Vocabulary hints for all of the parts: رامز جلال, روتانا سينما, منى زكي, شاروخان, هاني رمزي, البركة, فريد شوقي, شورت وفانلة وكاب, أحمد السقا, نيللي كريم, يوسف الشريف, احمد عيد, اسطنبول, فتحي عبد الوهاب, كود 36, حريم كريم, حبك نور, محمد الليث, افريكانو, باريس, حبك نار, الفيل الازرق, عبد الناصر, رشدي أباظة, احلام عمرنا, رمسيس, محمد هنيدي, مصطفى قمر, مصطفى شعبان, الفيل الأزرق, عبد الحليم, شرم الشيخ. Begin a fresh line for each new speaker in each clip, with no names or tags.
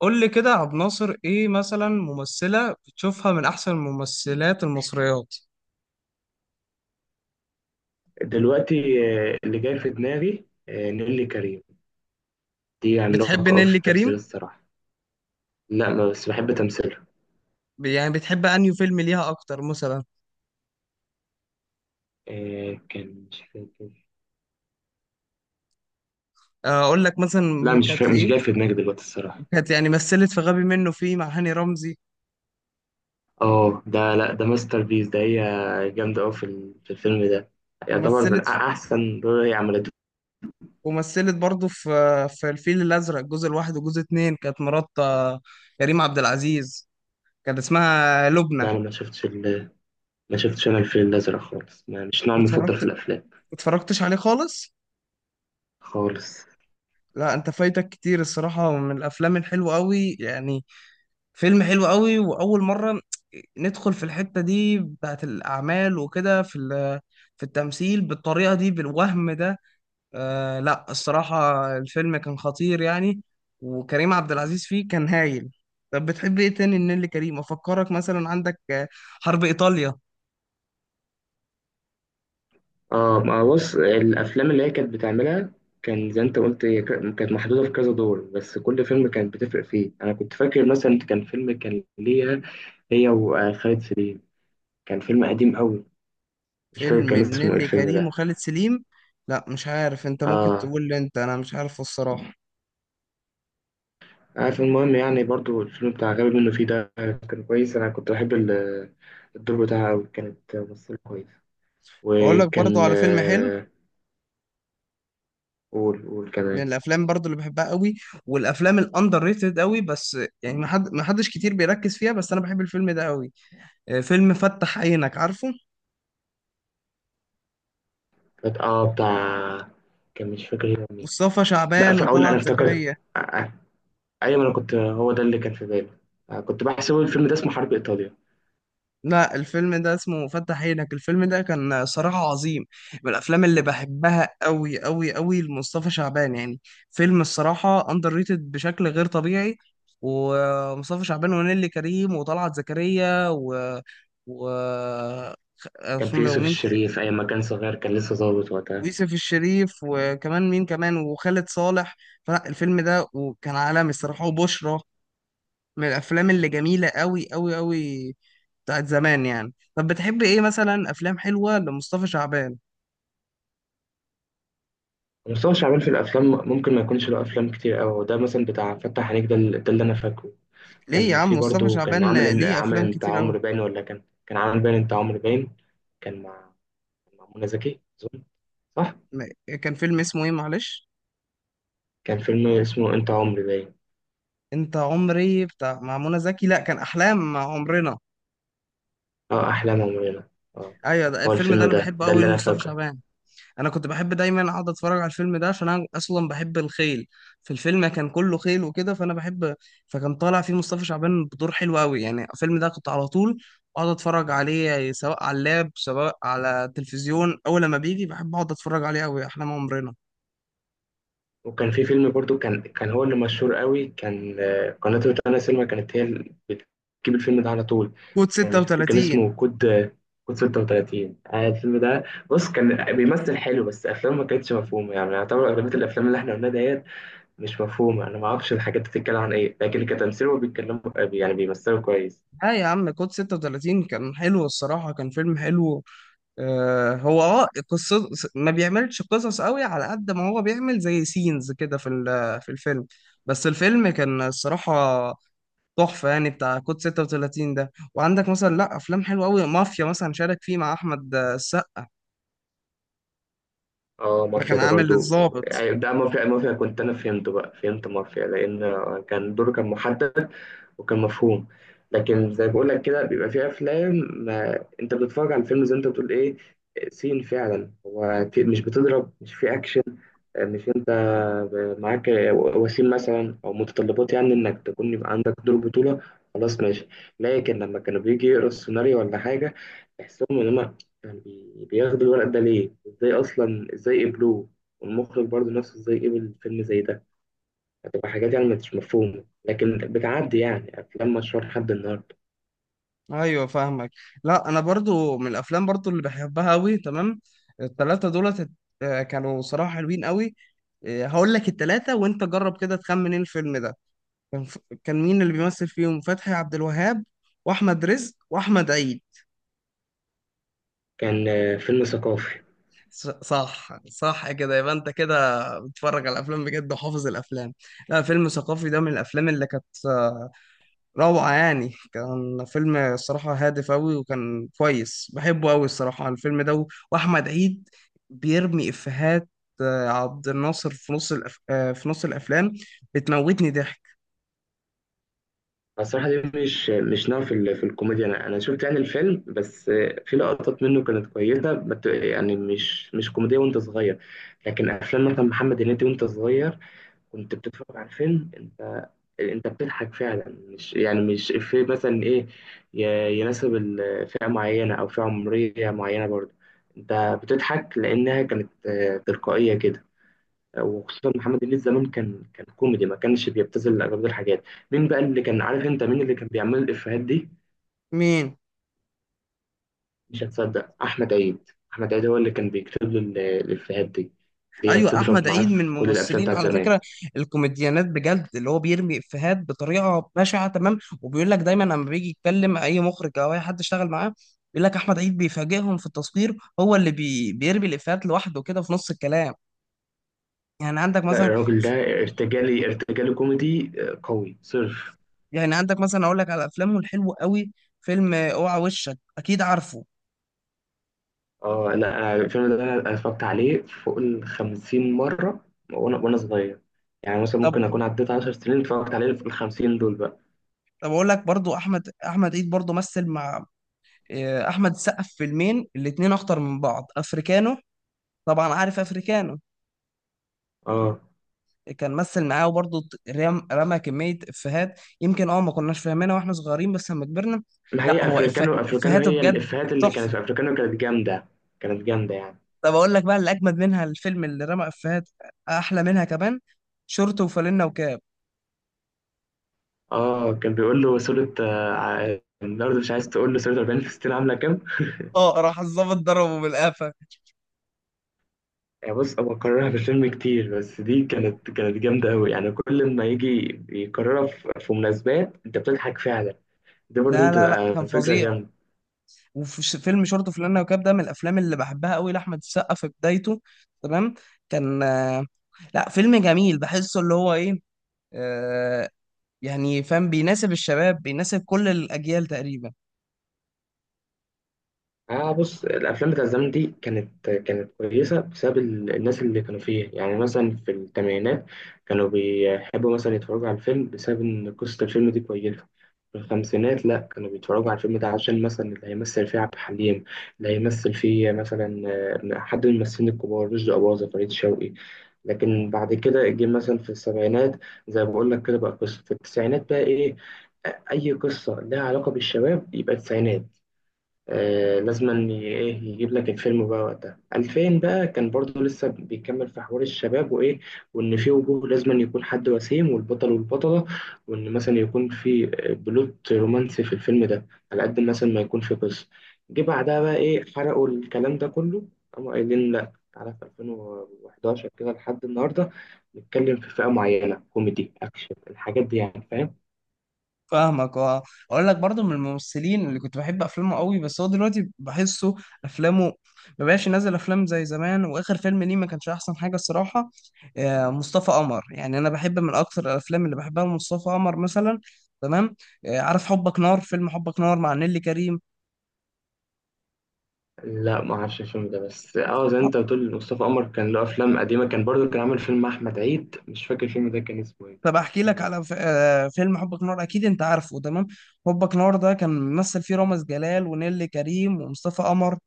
قول لي كده يا عبد الناصر، ايه مثلا ممثلة بتشوفها من احسن الممثلات المصريات؟
دلوقتي. اللي جاي في دماغي، نيللي كريم. دي
بتحب
عملاقة أوي في
نيللي
التمثيل
كريم؟
الصراحة. لا، بس بحب تمثيلها.
يعني بتحب انهي فيلم ليها اكتر مثلا؟
كان مش فاكر.
اقول لك
لا
مثلا
مش
كانت
فاكر،
في
مش
ايه؟
جاي في دماغي دلوقتي الصراحة.
كانت يعني مثلت في غبي منه فيه مع هاني رمزي.
اه ده، لا ده ماستر بيس ده. هي جامدة أوي في الفيلم ده. يعتبر من
ومثلت
أحسن دور هي عملته.
ومثلت برضه في الفيل الازرق، الجزء الواحد والجزء اتنين، كانت مرات كريم عبد العزيز، كانت اسمها لبنى.
لا أنا ما شفتش أنا الفيل الأزرق خالص، ما مش نوع مفضل في
اتفرجت
الأفلام.
اتفرجتش عليه خالص؟
خالص.
لا انت فايتك كتير الصراحة من الافلام الحلوة قوي يعني، فيلم حلو قوي، واول مره ندخل في الحته دي بتاعت الاعمال وكده في في التمثيل بالطريقه دي بالوهم ده. لا الصراحه الفيلم كان خطير يعني، وكريم عبد العزيز فيه كان هايل. طب بتحب ايه تاني لنيللي كريم؟ افكرك مثلا، عندك حرب ايطاليا،
اه ما بص الافلام اللي هي كانت بتعملها. كان زي انت قلت، هي كانت محدوده في كذا دور بس كل فيلم كانت بتفرق فيه. انا كنت فاكر مثلا كان فيلم كان ليها، هي وخالد سليم. كان فيلم قديم قوي. مش فاكر
فيلم
كان اسمه ايه
لنيللي
الفيلم
كريم
ده.
وخالد سليم. لا مش عارف، انت ممكن
اه
تقول لي، انت انا مش عارفه الصراحه.
عارف. المهم يعني برضو الفيلم بتاع غبي منه فيه ده كان كويس. انا كنت الدور بتاعها قوي، كانت ممثله كويسه.
اقول لك برضو
وكان
على فيلم حلو،
قول قول
من
كمان.
الافلام برضو اللي بحبها قوي، والافلام الاندر ريتد قوي، بس يعني ما حدش كتير بيركز فيها، بس انا بحب الفيلم ده قوي. فيلم فتح عينك، عارفه؟
كانت بتاع. كان مش فاكر هي مين.
مصطفى
لا
شعبان
في، اقول انا
وطلعت
افتكرت.
زكريا.
ايوه انا كنت، هو ده اللي كان في بالي. كنت بحسب الفيلم ده اسمه حرب ايطاليا.
لا الفيلم ده اسمه فتح عينك، الفيلم ده كان صراحة عظيم، من الافلام اللي بحبها قوي قوي قوي لمصطفى شعبان يعني. فيلم الصراحة اندر ريتد بشكل غير طبيعي، ومصطفى شعبان ونيلي كريم وطلعت زكريا و
كان في
اسمه ده
يوسف
ومين؟
الشريف ايام ما كان صغير، كان لسه ظابط وقتها.
ويوسف الشريف، وكمان مين كمان؟ وخالد صالح. فلا الفيلم ده وكان عالمي الصراحة، وبشرى، من الأفلام اللي جميلة أوي أوي أوي، بتاعت زمان يعني. طب بتحب إيه مثلا أفلام حلوة لمصطفى شعبان؟
مصطفى شعبان في الافلام ممكن ما يكونش له افلام كتير قوي. ده مثلا بتاع فتح عينيك ده, ده اللي انا فاكره.
ليه يا
كان
عم
في
مصطفى
برضه، كان
شعبان
عامل
ليه
عامل
أفلام
انت
كتير أوي.
عمرو باين، ولا كان عامل باين انت عمرو باين. كان مع، مع منى زكي اظن. صح.
كان فيلم اسمه إيه معلش؟
كان فيلم اسمه انت عمري باين.
أنت عمري بتاع مع منى زكي؟ لا كان أحلام مع عمرنا.
اه احلام عمرنا. اه.
أيوة ده
هو
الفيلم ده
الفيلم
أنا
ده،
بحبه
ده
أوي
اللي انا
لمصطفى
فاكره.
شعبان. انا كنت بحب دايما اقعد اتفرج على الفيلم ده عشان انا اصلا بحب الخيل، في الفيلم كان كله خيل وكده فانا بحب. فكان طالع فيه مصطفى شعبان بدور حلو قوي يعني، الفيلم ده كنت على طول اقعد اتفرج عليه سواء على اللاب سواء على التلفزيون، اول لما بيجي بحب اقعد اتفرج عليه قوي، احلام عمرنا.
وكان في فيلم برضو كان هو اللي مشهور قوي. كان قناة روتانا سينما كانت هي اللي بتجيب الفيلم ده على طول.
كود
يعني مش فاكر كان
36.
اسمه كود كود 36. الفيلم ده. بص، كان بيمثل حلو بس افلامه ما كانتش مفهومه. يعني يعتبر اغلبيه الافلام اللي احنا قلناها ديت مش مفهومه. انا ما اعرفش الحاجات دي بتتكلم عن ايه، لكن كتمثيل هو بيتكلموا، يعني بيمثلوا كويس.
لا يا عم كود 36 كان حلو الصراحة، كان فيلم حلو. هو قصة ما بيعملش قصص قوي على قد ما هو بيعمل زي سينز كده في في الفيلم، بس الفيلم كان الصراحة تحفة يعني، بتاع كود 36 ده. وعندك مثلا، لا، أفلام حلوة قوي، مافيا مثلا شارك فيه مع أحمد السقا،
اه
ما
مافيا
كان
ده
عامل
برضو.
الضابط.
يعني ده مافيا، مافيا كنت انا فهمته بقى، فهمت مافيا لان كان دوره كان محدد وكان مفهوم. لكن زي بقول لك كده بيبقى في افلام، ما انت بتتفرج على الفيلم، زي انت بتقول ايه، سين. فعلا هو في مش بتضرب، مش في اكشن، مش انت معاك وسيم مثلا او متطلبات، يعني انك تكون يبقى عندك دور بطولة. خلاص ماشي. لكن لما كانوا بيجي يقروا السيناريو ولا حاجة، تحسهم ان هما كان بياخدوا الورق ده ليه، ازاي اصلا، ازاي قبلوه، والمخرج برضه نفسه ازاي قبل فيلم زي ده. هتبقى حاجات يعني مش مفهومة لكن بتعدي يعني. أفلام مشهور لحد النهاردة.
أيوة فاهمك. لا أنا برضو من الأفلام برضو اللي بحبها قوي تمام، التلاتة دولت كانوا صراحة حلوين قوي. هقول لك التلاتة وأنت جرب كده تخمن إيه الفيلم ده. كان ف... كان مين اللي بيمثل فيهم؟ فتحي عبد الوهاب واحمد رزق واحمد عيد.
كان فيلم ثقافي.
صح صح، كده يبقى انت كده بتتفرج على الافلام بجد وحافظ الافلام. لا فيلم ثقافي ده من الافلام اللي كانت روعه يعني، كان فيلم الصراحه هادف قوي وكان كويس بحبه قوي الصراحه، الفيلم ده واحمد عيد بيرمي افيهات عبد الناصر في نص الافلام، بتموتني ضحك.
الصراحة دي مش نوع في الكوميديا. أنا شفت يعني الفيلم بس، في لقطات منه كانت كويسة، يعني مش كوميدية وأنت صغير. لكن أفلام مثلا محمد هنيدي وأنت صغير، كنت بتتفرج على الفيلم أنت، أنت بتضحك فعلا، مش يعني مش إفيه مثلا إيه، يناسب فئة معينة أو فئة عمرية معينة برضه. أنت بتضحك لأنها كانت تلقائية كده. وخصوصا محمد الليث زمان كان كوميدي ما كانش بيبتذل اغلبيه الحاجات. مين بقى اللي كان عارف، انت مين اللي كان بيعمل الافيهات دي؟
مين؟
مش هتصدق، احمد عيد. احمد عيد هو اللي كان بيكتب له الافيهات دي، اللي هي
ايوه
بتضرب
احمد
معاه
عيد من
في كل الافلام
الممثلين
بتاعت
على
زمان.
فكره الكوميديانات بجد، اللي هو بيرمي افيهات بطريقه بشعه تمام، وبيقول لك دايما لما بيجي يتكلم اي مخرج او اي حد اشتغل معاه بيقول لك احمد عيد بيفاجئهم في التصوير، هو اللي بيرمي الافيهات لوحده كده في نص الكلام. يعني عندك
لا
مثلا
الراجل ده ارتجالي، ارتجالي كوميدي قوي صرف.
يعني عندك مثلا اقول لك على افلامه الحلوه قوي، فيلم اوعى وشك اكيد عارفه.
اه لا أنا الفيلم ده انا اتفرجت عليه فوق ال 50 مره، وانا صغير. يعني مثلا
طب
ممكن اكون عديت 10 سنين اتفرجت عليه في ال 50 دول بقى.
طب اقول لك برضو احمد عيد برضو مثل مع احمد السقا في فيلمين الاتنين اخطر من بعض، افريكانو، طبعا عارف افريكانو.
اه
كان مثل معاه وبرضه رمى كمية إفيهات، يمكن ما كناش فاهمينها واحنا صغيرين بس لما كبرنا.
ما
لا
هي
هو
افريكانو، افريكانو
إفيهاته
هي
بجد
الافيهات اللي كانت
تحفة.
في افريكانو كانت جامده. كانت جامده يعني.
طب أقول لك بقى اللي أجمد منها، الفيلم اللي رمى إفيهات أحلى منها كمان، شورت وفانلة وكاب.
اه كان بيقول له صورة، الأرض مش عايز تقول له صورة 40 فلسطين عاملة كام؟
اه، راح الظابط ضربه بالقفا.
يعني بص، هو كررها في الفيلم كتير بس دي كانت جامدة أوي. يعني كل ما يجي يكررها في مناسبات أنت بتضحك فعلا. دي برضو
لا لا لا
بتبقى
كان
فكرة
فظيع.
جامدة.
وفي فيلم شورت وفانلة وكاب ده من الأفلام اللي بحبها قوي لأحمد السقا في بدايته تمام، كان لا فيلم جميل بحسه اللي هو إيه، آه، يعني فاهم، بيناسب الشباب بيناسب كل الأجيال تقريبا.
اه بص، الافلام بتاع الزمن دي كانت كويسه بسبب الناس اللي كانوا فيها. يعني مثلا في الثمانينات كانوا بيحبوا مثلا يتفرجوا على الفيلم بسبب ان قصه الفيلم دي كويسه. في الخمسينات لا، كانوا بيتفرجوا على الفيلم ده عشان مثلا اللي هيمثل فيه عبد الحليم، اللي هيمثل فيه مثلا حد من الممثلين الكبار، رشدي أباظة، فريد شوقي. لكن بعد كده جه مثلا في السبعينات، زي ما بقول لك كده، بقى قصه. في التسعينات بقى ايه؟ اي قصه لها علاقه بالشباب يبقى تسعينات. آه لازم أن ايه يجيب لك الفيلم بقى وقتها. 2000 بقى كان برضو لسه بيكمل في حوار الشباب وايه، وان في وجوه لازم أن يكون حد وسيم والبطل والبطلة، وان مثلا يكون في بلوت رومانسي في الفيلم ده، على قد مثلا ما يكون في قصة. جه بعدها بقى ايه؟ حرقوا الكلام ده كله. قاموا قايلين لا تعالى، في 2011 كده لحد النهارده نتكلم في فئة معينة، كوميدي اكشن الحاجات دي، يعني فاهم.
فاهمك اه. اقول لك برضو من الممثلين اللي كنت بحب افلامه قوي، بس هو دلوقتي بحسه افلامه ما بقاش ينزل افلام زي زمان، واخر فيلم ليه ما كانش احسن حاجه الصراحه. مصطفى قمر يعني، انا بحب من اكتر الافلام اللي بحبها مصطفى قمر مثلا تمام. عارف حبك نار؟ فيلم حبك نار مع نيلي كريم.
لا ما اعرفش الفيلم ده بس اه زي انت بتقول مصطفى قمر كان له افلام قديمه، كان برضو كان عامل فيلم مع احمد عيد، مش فاكر الفيلم ده كان اسمه ايه.
طب احكي
حلو
لك
برضو.
على فيلم حبك نور، اكيد انت عارفه تمام. حبك نور ده كان ممثل فيه رامز جلال ونيلي كريم ومصطفى قمر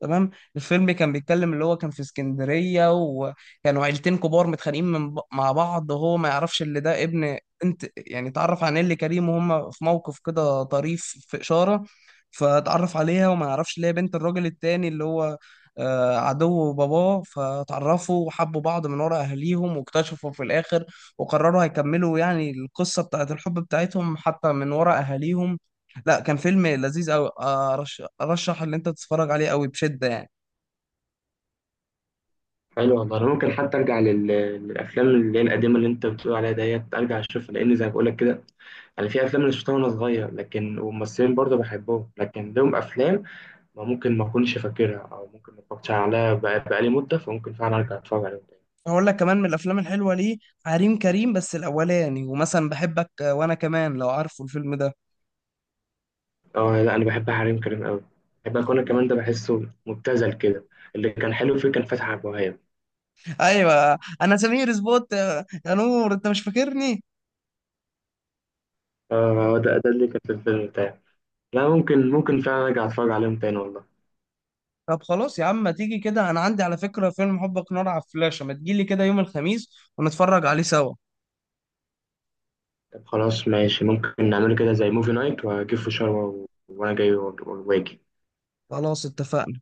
تمام. الفيلم كان بيتكلم اللي هو كان في اسكندرية، وكانوا عيلتين كبار متخانقين مع بعض، وهو ما يعرفش اللي ده ابن انت يعني. اتعرف على نيلي كريم وهم في موقف كده طريف في إشارة، فتعرف عليها وما يعرفش اللي هي بنت الراجل التاني اللي هو عدو باباه، فتعرفوا وحبوا بعض من ورا اهاليهم، واكتشفوا في الاخر وقرروا هيكملوا يعني القصة بتاعت الحب بتاعتهم حتى من ورا أهاليهم. لا كان فيلم لذيذ أوي، أرشح إن أنت تتفرج عليه أوي بشدة يعني.
حلو والله، انا ممكن حتى ارجع للافلام اللي هي القديمه اللي انت بتقول عليها ديت، ارجع اشوفها، لان زي ما بقول لك كده انا في افلام انا شفتها وانا صغير لكن وممثلين برضو بحبهم لكن لهم افلام ما ممكن ما اكونش فاكرها او ممكن ما اتفرجتش عليها بقالي مده، فممكن فعلا ارجع اتفرج عليهم.
هقول لك كمان من الأفلام الحلوة ليه، عريم كريم بس الأولاني، ومثلا بحبك وأنا كمان لو عارفه الفيلم ده.
اه لا انا بحب حريم كريم قوي. بحب اكون كمان ده بحسه مبتذل كده. اللي كان حلو فيه كان فتحي عبد الوهاب.
أيوة أنا سمير سبوت يا نور، أنت مش فاكرني؟
اه هو ده اللي كان في الفيلم بتاعي. لا ممكن فعلا ارجع اتفرج عليهم تاني والله.
طب خلاص يا عم ما تيجي كده، أنا عندي على فكرة فيلم حبك نار على فلاشة، ما تجيلي كده يوم الخميس ونتفرج عليه سوا.
طب خلاص ماشي، ممكن نعمله كده زي موفي نايت، واجيب فشار وانا جاي واجي.
خلاص اتفقنا.